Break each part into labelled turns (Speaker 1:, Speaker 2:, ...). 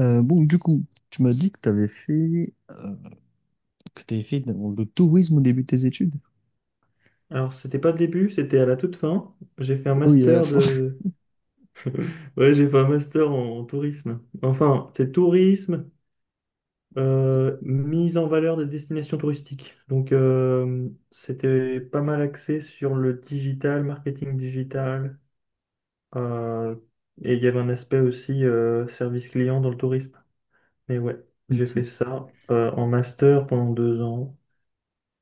Speaker 1: Bon, du coup, tu m'as dit que tu avais fait, que t'avais fait dans le tourisme au début de tes études.
Speaker 2: Alors, c'était pas le début, c'était à la toute fin. J'ai fait un
Speaker 1: Ah oui, à la
Speaker 2: master
Speaker 1: fin.
Speaker 2: de... Ouais, j'ai fait un master en tourisme. Enfin, c'est tourisme, mise en valeur des destinations touristiques. Donc, c'était pas mal axé sur le digital, marketing digital. euh, et il y avait un aspect aussi service client dans le tourisme. Mais ouais, j'ai fait
Speaker 1: Ok.
Speaker 2: ça en master pendant 2 ans.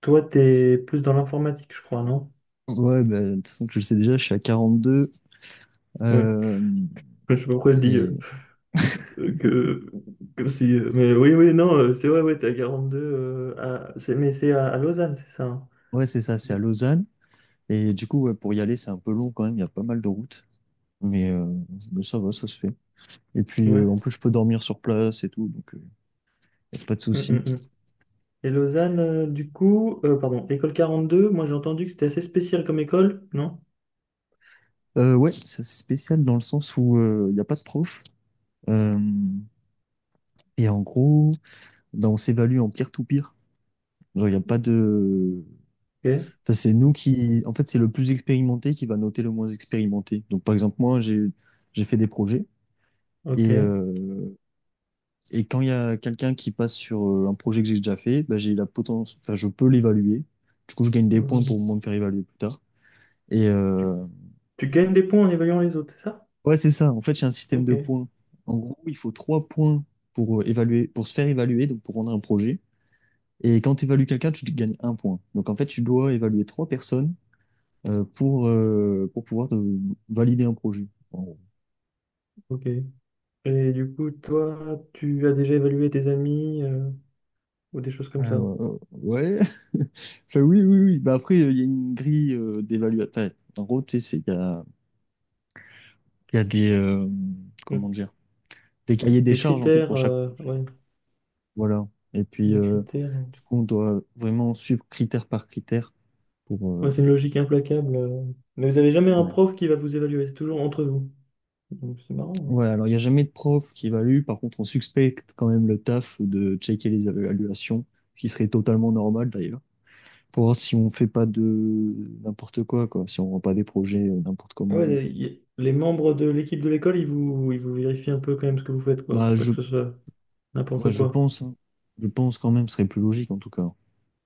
Speaker 2: Toi, t'es plus dans l'informatique, je crois, non?
Speaker 1: Ouais, bah, de toute façon, tu le sais déjà, je suis à 42.
Speaker 2: Oui.
Speaker 1: euh,
Speaker 2: Je sais pas pourquoi je dis...
Speaker 1: et
Speaker 2: Que, comme si, mais oui, oui, non, c'est vrai, ouais, t'es à 42, mais c'est à Lausanne, c'est ça, hein.
Speaker 1: ouais, c'est ça, c'est à Lausanne. Et du coup, ouais, pour y aller, c'est un peu long quand même, il y a pas mal de routes. Mais, euh, mais ça va, ça se fait. Et puis,
Speaker 2: Ouais.
Speaker 1: en plus, je peux dormir sur place et tout, donc y a pas de
Speaker 2: Mm, mm,
Speaker 1: souci.
Speaker 2: mm. Et Lausanne, du coup, pardon, école 42, moi j'ai entendu que c'était assez spécial comme école, non?
Speaker 1: Ouais, c'est spécial dans le sens où il n'y a pas de prof. Euh, et en gros, ben, on s'évalue en peer-to-peer. Genre, il n'y a pas de…
Speaker 2: Ok,
Speaker 1: Enfin, c'est nous qui… En fait, c'est le plus expérimenté qui va noter le moins expérimenté. Donc, par exemple, moi, j'ai fait des projets.
Speaker 2: ok.
Speaker 1: Et, euh, et quand il y a quelqu'un qui passe sur un projet que j'ai déjà fait, ben, j'ai la potence… enfin, je peux l'évaluer. Du coup, je gagne des points
Speaker 2: Ouais.
Speaker 1: pour moi me faire évaluer plus tard. Et
Speaker 2: Tu,
Speaker 1: euh,
Speaker 2: tu gagnes des points en évaluant les autres, c'est ça?
Speaker 1: ouais, c'est ça. En fait, j'ai un système de
Speaker 2: Ok,
Speaker 1: points. En gros, il faut 3 points pour évaluer, pour se faire évaluer, donc pour rendre un projet. Et quand tu évalues quelqu'un, tu gagnes un point. Donc en fait, tu dois évaluer 3 personnes pour, pour pouvoir te valider un projet. En gros.
Speaker 2: ok. Et du coup, toi, tu as déjà évalué tes amis ou des choses comme
Speaker 1: Ah,
Speaker 2: ça?
Speaker 1: ouais, ouais, ouais. Enfin, oui, oui, oui. Bah, après, il y a une grille d'évaluation. Enfin, en gros, tu sais, il y a des, comment
Speaker 2: Mm.
Speaker 1: dire, des cahiers des
Speaker 2: Des
Speaker 1: charges en fait
Speaker 2: critères,
Speaker 1: pour chaque projet.
Speaker 2: ouais,
Speaker 1: Voilà. Et puis,
Speaker 2: des critères.
Speaker 1: du coup, on doit vraiment suivre critère par critère. Pour,
Speaker 2: Ouais,
Speaker 1: euh,
Speaker 2: c'est une logique implacable, Mais vous n'avez jamais un
Speaker 1: ouais.
Speaker 2: prof qui va vous évaluer, c'est toujours entre vous. Donc c'est marrant, hein.
Speaker 1: Ouais, alors il n'y a jamais de prof qui évalue. Par contre, on suspecte quand même le taf de checker les évaluations, ce qui serait totalement normal d'ailleurs, pour voir si on fait pas de n'importe quoi, quoi, si on rend pas des projets n'importe
Speaker 2: Ah ouais,
Speaker 1: comment.
Speaker 2: les membres de l'équipe de l'école, ils vous vérifient un peu quand même ce que vous faites, quoi.
Speaker 1: Bah,
Speaker 2: Pas
Speaker 1: je,
Speaker 2: que ce soit
Speaker 1: ouais,
Speaker 2: n'importe
Speaker 1: je
Speaker 2: quoi.
Speaker 1: pense, hein. Je pense quand même, ce serait plus logique en tout cas.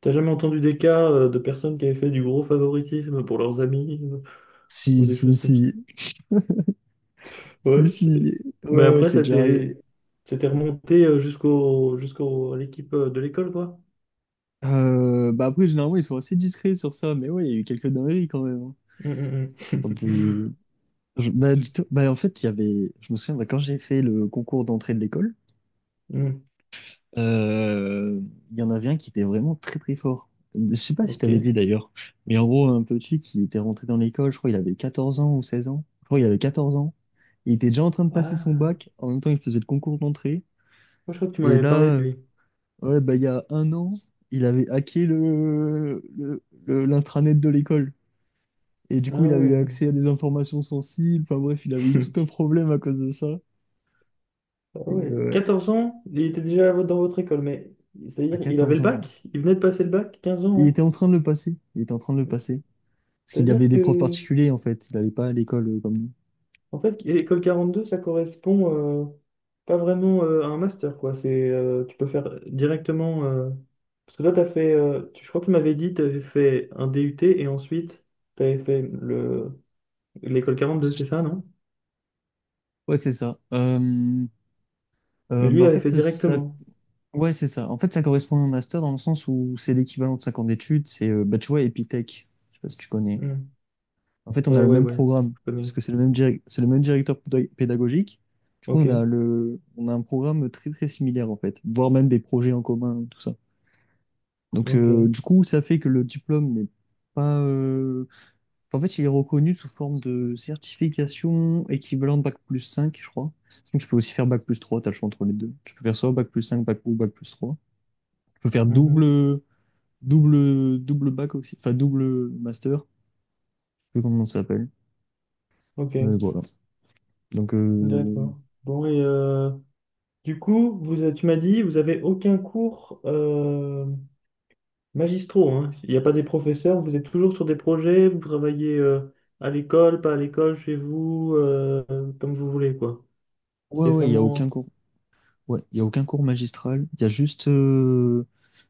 Speaker 2: T'as jamais entendu des cas de personnes qui avaient fait du gros favoritisme pour leurs amis,
Speaker 1: Si,
Speaker 2: ou des
Speaker 1: si,
Speaker 2: choses comme ça?
Speaker 1: si,
Speaker 2: Ouais.
Speaker 1: si, si,
Speaker 2: Et- Mais
Speaker 1: ouais, ouais,
Speaker 2: après,
Speaker 1: c'est
Speaker 2: ça
Speaker 1: déjà
Speaker 2: t'est,
Speaker 1: arrivé.
Speaker 2: ça t'est remonté à l'équipe de l'école, quoi.
Speaker 1: Bah après, généralement, ils sont assez discrets sur ça, mais ouais, il y a eu quelques dingueries quand même, hein.
Speaker 2: Hum, hum,
Speaker 1: Quand
Speaker 2: hum.
Speaker 1: ils, Je- bah, du tout- bah, En fait, il y avait, je me souviens, bah, quand j'ai fait le concours d'entrée de l'école,
Speaker 2: Hum,
Speaker 1: euh, il y en avait un qui était vraiment très très fort. Je sais pas si je
Speaker 2: ok.
Speaker 1: t'avais dit d'ailleurs, mais en gros, un petit qui était rentré dans l'école, je crois il avait 14 ans ou 16 ans. Je crois il avait 14 ans. Il était déjà en train de passer son
Speaker 2: Ah,
Speaker 1: bac. En même temps, il faisait le concours d'entrée.
Speaker 2: moi, je crois que tu
Speaker 1: Et
Speaker 2: m'avais parlé
Speaker 1: là,
Speaker 2: de
Speaker 1: euh,
Speaker 2: lui.
Speaker 1: ouais, bah, il y a un an, il avait hacké l'intranet de l'école. Et du coup,
Speaker 2: Ah
Speaker 1: il avait eu
Speaker 2: ouais.
Speaker 1: accès à des informations sensibles. Enfin bref, il avait eu tout un problème à cause de ça.
Speaker 2: Ah
Speaker 1: Et,
Speaker 2: ouais,
Speaker 1: euh,
Speaker 2: 14 ans, il était déjà dans votre école, mais
Speaker 1: À
Speaker 2: c'est-à-dire il avait
Speaker 1: 14
Speaker 2: le
Speaker 1: ans.
Speaker 2: bac, il venait de passer le bac, 15 ans,
Speaker 1: Il était en
Speaker 2: hein.
Speaker 1: train de le passer. Il était en train de le passer. Parce qu'il
Speaker 2: C'est-à-dire
Speaker 1: avait des profs
Speaker 2: que,
Speaker 1: particuliers, en fait. Il n'allait pas à l'école comme nous.
Speaker 2: en fait, école 42, ça correspond pas vraiment à un master, quoi. C'est, tu peux faire directement, parce que toi, t'as fait, je crois que tu m'avais dit, tu avais fait un DUT et ensuite, tu avais fait le... l'école 42, c'est ça, non?
Speaker 1: Ouais, c'est ça.
Speaker 2: Mais lui,
Speaker 1: Bah,
Speaker 2: il
Speaker 1: en
Speaker 2: avait fait
Speaker 1: fait, ça…
Speaker 2: directement.
Speaker 1: Ouais, c'est ça. En fait, ça correspond à un master dans le sens où c'est l'équivalent de 5 ans d'études. Bah, tu vois, Epitech. Je sais pas si tu connais.
Speaker 2: Hmm.
Speaker 1: En fait, on a le
Speaker 2: Ouais,
Speaker 1: même
Speaker 2: ouais,
Speaker 1: programme.
Speaker 2: je
Speaker 1: Parce
Speaker 2: connais.
Speaker 1: que c'est le même directeur pédagogique. Du coup,
Speaker 2: Ok,
Speaker 1: on a un programme très, très similaire, en fait. Voire même des projets en commun, tout ça.
Speaker 2: ok.
Speaker 1: Du coup, ça fait que le diplôme n'est pas… En fait, il est reconnu sous forme de certification équivalente Bac+5, je crois. Donc, tu peux aussi faire Bac+3. T'as le choix entre les deux. Tu peux faire soit Bac+5, Bac ou Bac+3. Tu peux faire
Speaker 2: Mhm.
Speaker 1: double Bac aussi, enfin double master, je sais pas comment ça s'appelle.
Speaker 2: Ok,
Speaker 1: Mais voilà. Donc, euh,
Speaker 2: d'accord. Bon, du coup, vous, tu m'as dit, vous avez aucun cours magistraux, hein. Il n'y a pas des professeurs, vous êtes toujours sur des projets, vous travaillez à l'école, pas à l'école, chez vous, comme vous voulez, quoi.
Speaker 1: ouais,
Speaker 2: C'est
Speaker 1: ouais, il n'y a aucun
Speaker 2: vraiment...
Speaker 1: cours. Ouais, il y a aucun cours magistral. Il y a juste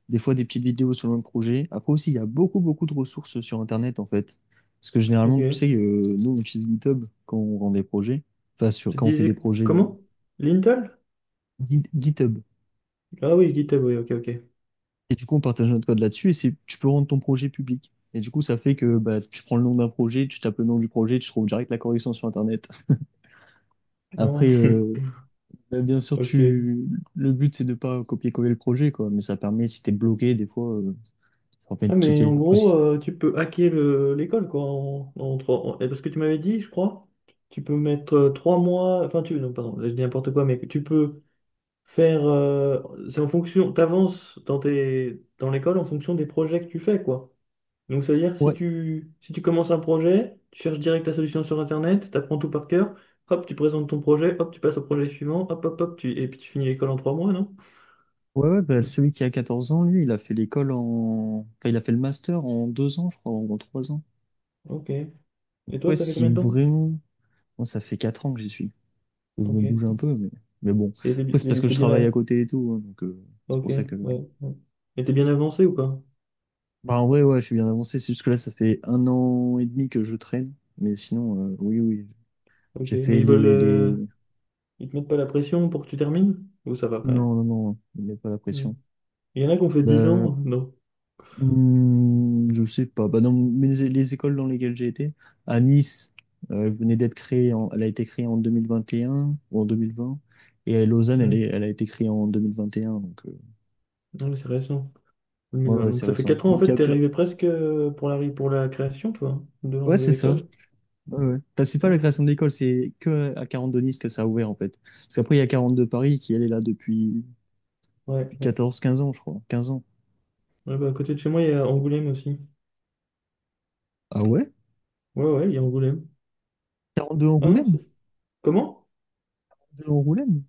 Speaker 1: des fois des petites vidéos sur le même projet. Après aussi, il y a beaucoup, beaucoup de ressources sur Internet, en fait. Parce que
Speaker 2: Ok.
Speaker 1: généralement, tu sais, nous, on utilise GitHub quand on rend des projets, enfin, sur,
Speaker 2: Tu
Speaker 1: quand on fait des
Speaker 2: disais
Speaker 1: projets de
Speaker 2: comment? Lintel?
Speaker 1: GitHub.
Speaker 2: Ah oui, GitHub, oui, ok, ok.
Speaker 1: Et du coup, on partage notre code là-dessus et tu peux rendre ton projet public. Et du coup, ça fait que bah, tu prends le nom d'un projet, tu tapes le nom du projet, tu trouves direct la correction sur Internet.
Speaker 2: Ah,
Speaker 1: Après, euh, Bah, bien sûr,
Speaker 2: ok.
Speaker 1: le but, c'est de pas copier-coller le projet, quoi. Mais ça permet, si t'es bloqué, des fois, ça permet
Speaker 2: Ah,
Speaker 1: de
Speaker 2: mais
Speaker 1: checker.
Speaker 2: en
Speaker 1: Après,
Speaker 2: gros,
Speaker 1: si-
Speaker 2: tu peux hacker l'école, quoi, en trois... parce que tu m'avais dit, je crois, tu peux mettre 3 mois... Enfin, tu... Non, pardon, je dis n'importe quoi, mais tu peux faire, c'est en fonction, t'avances dans tes dans l'école en fonction des projets que tu fais, quoi. Donc c'est à dire,
Speaker 1: Ouais.
Speaker 2: si tu commences un projet, tu cherches direct la solution sur internet, t'apprends tout par cœur, hop tu présentes ton projet, hop tu passes au projet suivant, hop hop hop tu et puis tu finis l'école en 3 mois, non?
Speaker 1: Ouais, ouais, bah, celui qui a 14 ans, lui, il a fait l'école en... Enfin, il a fait le master en 2 ans, je crois, ou en 3 ans.
Speaker 2: Ok, et toi,
Speaker 1: Ouais,
Speaker 2: ça fait
Speaker 1: si
Speaker 2: combien de temps?
Speaker 1: vraiment... Moi, ça fait 4 ans que j'y suis. Je me
Speaker 2: Ok.
Speaker 1: bouge un peu, mais bon.
Speaker 2: et t'es bi-
Speaker 1: Après, c'est
Speaker 2: t'es-
Speaker 1: parce
Speaker 2: bi-
Speaker 1: que je
Speaker 2: t'es bien
Speaker 1: travaille
Speaker 2: à-
Speaker 1: à côté et tout, hein, donc c'est
Speaker 2: ok,
Speaker 1: pour ça que…
Speaker 2: ouais, ouais. Et t'es bien avancé ou pas?
Speaker 1: Bah, en vrai, ouais, je suis bien avancé. C'est juste que là, ça fait un an et demi que je traîne. Mais sinon, oui, oui,
Speaker 2: Ok,
Speaker 1: j'ai
Speaker 2: mais
Speaker 1: fait les...
Speaker 2: ils te mettent pas la pression pour que tu termines ou ça va quand
Speaker 1: Non,
Speaker 2: même?
Speaker 1: non, non, ne mets pas la pression.
Speaker 2: Non. Il y en a qui ont fait dix
Speaker 1: Bah,
Speaker 2: ans non?
Speaker 1: Je sais pas. Bah, dans les écoles dans lesquelles j'ai été, à Nice, elle a été créée en 2021 ou en 2020. Et à Lausanne,
Speaker 2: Hmm.
Speaker 1: elle a été créée en 2021.
Speaker 2: Ah oui, c'est récent.
Speaker 1: Ouais,
Speaker 2: 2020.
Speaker 1: ouais,
Speaker 2: Donc
Speaker 1: c'est
Speaker 2: ça fait
Speaker 1: récent.
Speaker 2: 4 ans, en
Speaker 1: Donc, il y
Speaker 2: fait,
Speaker 1: a
Speaker 2: t'es
Speaker 1: plus-
Speaker 2: arrivé presque pour la, pour la création, toi, de,
Speaker 1: Ouais,
Speaker 2: de
Speaker 1: c'est ça.
Speaker 2: l'école.
Speaker 1: Ouais, ouais. Enfin, c'est pas la création de
Speaker 2: Ah,
Speaker 1: l'école, c'est que à 42 Nice que ça a ouvert, en fait. Parce qu'après, il y a 42 Paris qui, elle, est là depuis
Speaker 2: ouais, ouais.
Speaker 1: 14, 15 ans, je crois. 15 ans.
Speaker 2: Ouais, bah, à côté de chez moi, il y a Angoulême aussi.
Speaker 1: Ah ouais?
Speaker 2: Ouais, ouais, il y a Angoulême.
Speaker 1: 42
Speaker 2: Ah non,
Speaker 1: Angoulême?
Speaker 2: c'est... Comment?
Speaker 1: 42 Angoulême?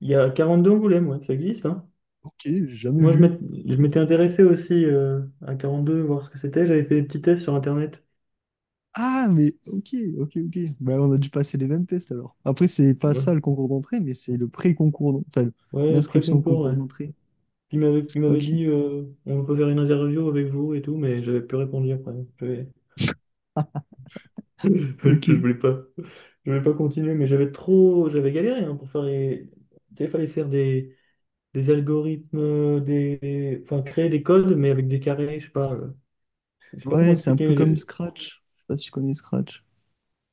Speaker 2: Il y a 42 Angoulême, ouais, ça existe, hein.
Speaker 1: Ok, j'ai jamais
Speaker 2: Moi,
Speaker 1: vu.
Speaker 2: je m'étais intéressé aussi, à 42, voir ce que c'était. J'avais fait des petits tests sur Internet.
Speaker 1: Ah, mais ok, ok, ok. Bah, on a dû passer les mêmes tests alors. Après, c'est pas ça
Speaker 2: Ouais,
Speaker 1: le concours d'entrée, mais c'est le pré-concours, enfin,
Speaker 2: ouais,
Speaker 1: l'inscription au
Speaker 2: pré-concours,
Speaker 1: concours
Speaker 2: ouais.
Speaker 1: d'entrée.
Speaker 2: Il m'avait
Speaker 1: Ok,
Speaker 2: dit, on peut faire une interview avec vous et tout, mais j'avais plus répondu après. J'avais... Je
Speaker 1: ok.
Speaker 2: voulais pas, continuer, mais j'avais galéré, hein, pour faire les... Tu sais, il fallait faire des algorithmes, des, enfin créer des codes, mais avec des carrés, je sais pas, euh, comment
Speaker 1: Ouais, c'est un
Speaker 2: expliquer,
Speaker 1: peu
Speaker 2: mais
Speaker 1: comme Scratch. Je sais pas si tu connais Scratch.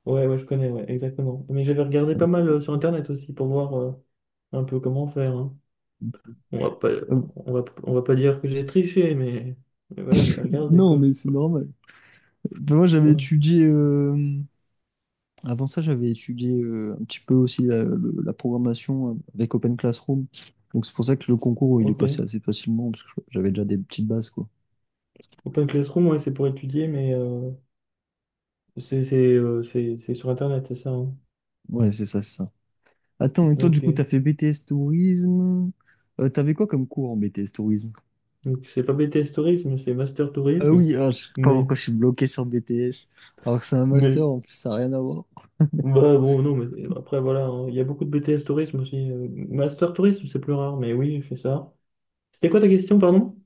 Speaker 2: ouais, ouais, je connais, ouais, exactement. Mais j'avais regardé
Speaker 1: C'est un
Speaker 2: pas
Speaker 1: peu
Speaker 2: mal
Speaker 1: comme
Speaker 2: sur
Speaker 1: ça.
Speaker 2: Internet aussi pour voir un peu comment faire, hein. On va pas,
Speaker 1: Euh,
Speaker 2: on va pas dire que j'ai triché, mais, voilà, j'ai regardé,
Speaker 1: non,
Speaker 2: quoi.
Speaker 1: mais c'est normal. Ben, moi, j'avais
Speaker 2: Ouais,
Speaker 1: étudié. Avant ça, j'avais étudié un petit peu aussi la programmation avec Open Classroom. Donc, c'est pour ça que le concours, il est
Speaker 2: ok.
Speaker 1: passé assez facilement, parce que j'avais déjà des petites bases, quoi.
Speaker 2: Open Classroom, ouais, c'est pour étudier, mais c'est sur Internet, c'est ça, hein.
Speaker 1: Ouais, c'est ça, c'est ça. Attends, et toi, du coup, t'as
Speaker 2: Ok.
Speaker 1: fait BTS Tourisme. T'avais quoi comme cours en BTS Tourisme?
Speaker 2: Donc c'est pas BTS Tourisme, c'est Master
Speaker 1: Ah
Speaker 2: Tourisme.
Speaker 1: oui, ah, je sais pas
Speaker 2: Mais,
Speaker 1: pourquoi je suis bloqué sur BTS, alors que c'est un master,
Speaker 2: mais,
Speaker 1: en plus, ça n'a rien à voir.
Speaker 2: bah bon, non, mais après voilà, hein, il y a beaucoup de BTS Tourisme aussi, Master Tourisme, c'est plus rare, mais oui, je fais ça. C'était quoi ta question, pardon?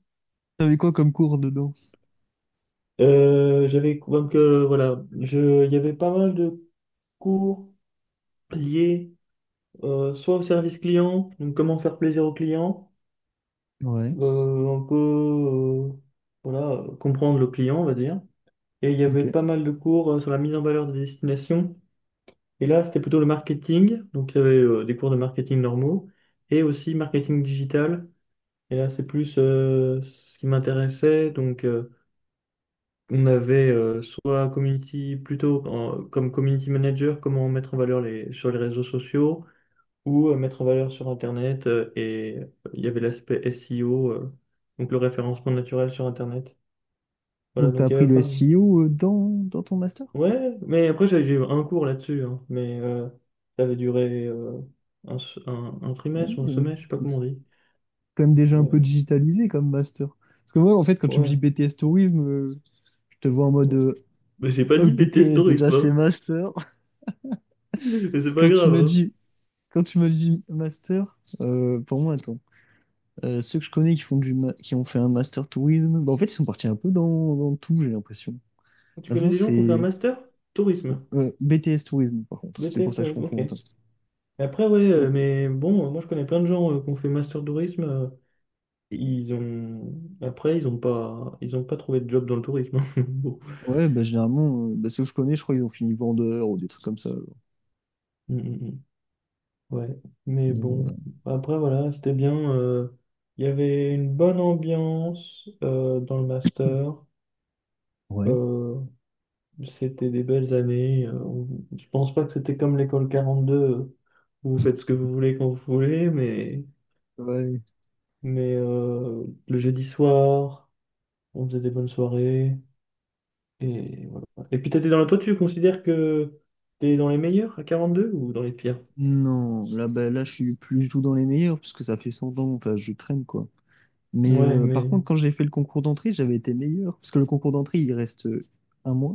Speaker 1: T'avais quoi comme cours dedans?
Speaker 2: J'avais, donc voilà, il y avait pas mal de cours liés, soit au service client, donc comment faire plaisir au client,
Speaker 1: Ouais,
Speaker 2: euh, un peu, euh, voilà, comprendre le client, on va dire. Et il y avait
Speaker 1: ok.
Speaker 2: pas mal de cours sur la mise en valeur des destinations. Et là, c'était plutôt le marketing. Donc, il y avait des cours de marketing normaux et aussi marketing digital. Et là, c'est plus ce qui m'intéressait. Donc, on avait soit community, plutôt comme community manager, comment mettre en valeur sur les réseaux sociaux ou mettre en valeur sur Internet. Il y avait l'aspect SEO, donc le référencement naturel sur Internet. Voilà,
Speaker 1: Donc, t'as
Speaker 2: donc il y
Speaker 1: appris
Speaker 2: avait
Speaker 1: le
Speaker 2: pas...
Speaker 1: SEO dans ton master?
Speaker 2: Ouais, mais après j'ai eu un cours là-dessus, hein, mais ça avait duré un
Speaker 1: Ouais,
Speaker 2: trimestre ou un
Speaker 1: euh,
Speaker 2: semestre, je sais pas
Speaker 1: donc
Speaker 2: comment
Speaker 1: c'est
Speaker 2: on dit.
Speaker 1: quand même déjà un peu
Speaker 2: Mais
Speaker 1: digitalisé comme master. Parce que moi, en fait, quand tu me dis
Speaker 2: ouais.
Speaker 1: BTS Tourisme, je te vois en mode
Speaker 2: Mais j'ai pas
Speaker 1: Oh,
Speaker 2: dit BTS
Speaker 1: BTS, déjà,
Speaker 2: tourisme,
Speaker 1: c'est
Speaker 2: hein.
Speaker 1: master.
Speaker 2: Mais c'est pas
Speaker 1: Quand tu
Speaker 2: grave,
Speaker 1: m'as
Speaker 2: hein.
Speaker 1: dit, Quand tu m'as dit master, pour moi, attends. Ceux que je connais qui qui ont fait un master tourisme, bah, en fait, ils sont partis un peu dans tout, j'ai l'impression.
Speaker 2: Tu
Speaker 1: J'ai
Speaker 2: connais
Speaker 1: l'impression
Speaker 2: des
Speaker 1: que
Speaker 2: gens qui ont fait un
Speaker 1: c'est
Speaker 2: master? Tourisme.
Speaker 1: BTS tourisme, par contre. C'est pour
Speaker 2: BTS
Speaker 1: ça que je
Speaker 2: tourisme, ok.
Speaker 1: confonds autant.
Speaker 2: Et après, ouais, mais bon, moi je connais plein de gens qui ont fait master tourisme,
Speaker 1: Et-
Speaker 2: ils ont... Après, ils ont pas trouvé de job dans le tourisme. Bon.
Speaker 1: ouais, bah, généralement, bah, ceux que je connais, je crois qu'ils ont fini vendeur ou des trucs comme ça.
Speaker 2: Mm, mm, mm. Ouais, mais bon,
Speaker 1: Voilà.
Speaker 2: après voilà, c'était bien, il y avait une bonne ambiance dans le master.
Speaker 1: Ouais.
Speaker 2: euh, C'était des belles années. Je pense pas que c'était comme l'école 42, où vous faites ce que vous voulez quand vous voulez, mais,
Speaker 1: Ouais.
Speaker 2: le jeudi soir, on faisait des bonnes soirées. Et voilà. Et puis t'étais dans la... Toi, tu considères que t'es dans les meilleurs à 42 ou dans les pires?
Speaker 1: Non, là, bah, là, je suis plus du tout dans les meilleurs, puisque ça fait 100 ans, enfin, je traîne, quoi.
Speaker 2: Ouais,
Speaker 1: Par
Speaker 2: mais...
Speaker 1: contre, quand j'ai fait le concours d'entrée, j'avais été meilleur, parce que le concours d'entrée, il reste un mois.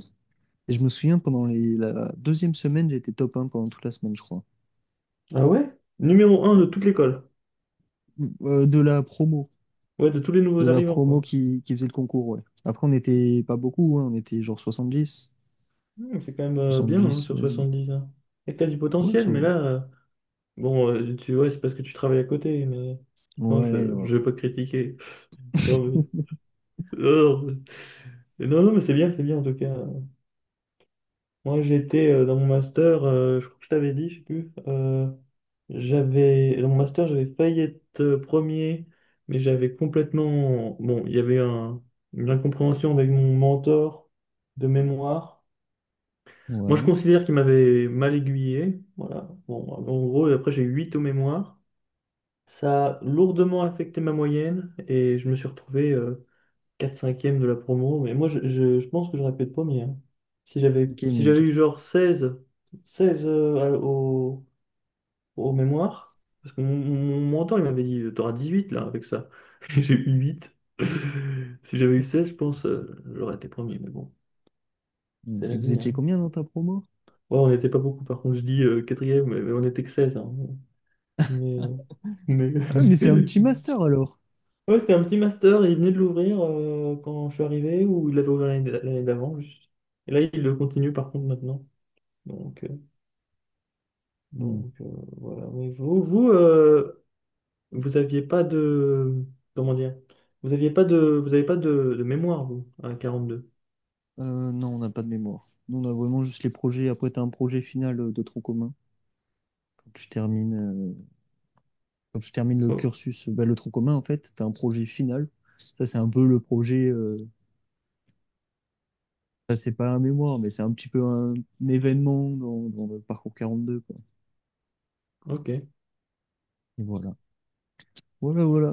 Speaker 1: Et je me souviens, pendant la deuxième semaine, j'étais top un pendant toute la semaine, je crois.
Speaker 2: Ah ouais? Numéro un de
Speaker 1: Ouais.
Speaker 2: toute l'école.
Speaker 1: De la promo.
Speaker 2: Ouais, de tous les
Speaker 1: De
Speaker 2: nouveaux
Speaker 1: la
Speaker 2: arrivants,
Speaker 1: promo
Speaker 2: quoi.
Speaker 1: qui faisait le concours, ouais. Après, on n'était pas beaucoup, hein, on était genre 70.
Speaker 2: Hmm, c'est quand même bien, hein,
Speaker 1: 70,
Speaker 2: sur 70 ans. Et t'as du
Speaker 1: ouais,
Speaker 2: potentiel,
Speaker 1: ça
Speaker 2: mais
Speaker 1: va.
Speaker 2: là, ouais, c'est parce que tu travailles à côté, mais non,
Speaker 1: Ouais, ouais,
Speaker 2: je vais
Speaker 1: ouais.
Speaker 2: pas te critiquer. Non, mais, oh, non, non, mais c'est bien en tout cas. Moi, j'étais dans mon master, je crois que je t'avais dit, je sais plus. J'avais, dans mon master, j'avais failli être premier, mais j'avais complètement... Bon, il y avait une incompréhension avec mon mentor de mémoire. Moi, je
Speaker 1: Ouais.
Speaker 2: considère qu'il m'avait mal aiguillé. Voilà. Bon, en gros, après, j'ai 8 au mémoire. Ça a lourdement affecté ma moyenne et je me suis retrouvé 4-5e de la promo. Mais moi, je pense que j'aurais pu être premier, hein.
Speaker 1: Ok,
Speaker 2: Si
Speaker 1: mais
Speaker 2: j'avais
Speaker 1: du coup,
Speaker 2: eu genre 16, 16 euh, à- au, au mémoire, parce que mon mentor, il m'avait dit, t'auras 18 là avec ça. J'ai eu 8. Si j'avais eu 16, je pense, j'aurais été premier. Mais bon, c'est la
Speaker 1: vous
Speaker 2: vie,
Speaker 1: étiez
Speaker 2: hein.
Speaker 1: combien dans ta promo?
Speaker 2: Ouais, on n'était pas beaucoup, par contre, je dis quatrième, mais, on n'était que 16, hein. Mais, mais-
Speaker 1: Ah, ouais, mais c'est un
Speaker 2: mais-
Speaker 1: petit master alors.
Speaker 2: Ouais, c'était un petit master, il venait de l'ouvrir quand je suis arrivé, ou il l'avait ouvert l'année d'avant. Juste. Et là, il le continue, par contre, maintenant. Donc, euh,
Speaker 1: Hmm.
Speaker 2: donc euh, voilà. Mais vous, vous aviez pas de... Comment dire? Vous aviez pas de... Vous avez pas de mémoire, vous, à 42.
Speaker 1: Non, on n'a pas de mémoire. Nous, on a vraiment juste les projets. Après, tu as un projet final de tronc commun. Quand tu termines, euh, Quand tu termines le
Speaker 2: Oh,
Speaker 1: cursus, bah, le tronc commun, en fait, tu as un projet final. Ça, c'est un peu le projet. Ça, c'est pas un mémoire, mais c'est un petit peu un événement dans le parcours 42, quoi.
Speaker 2: ok.
Speaker 1: Et voilà. Voilà, voilà.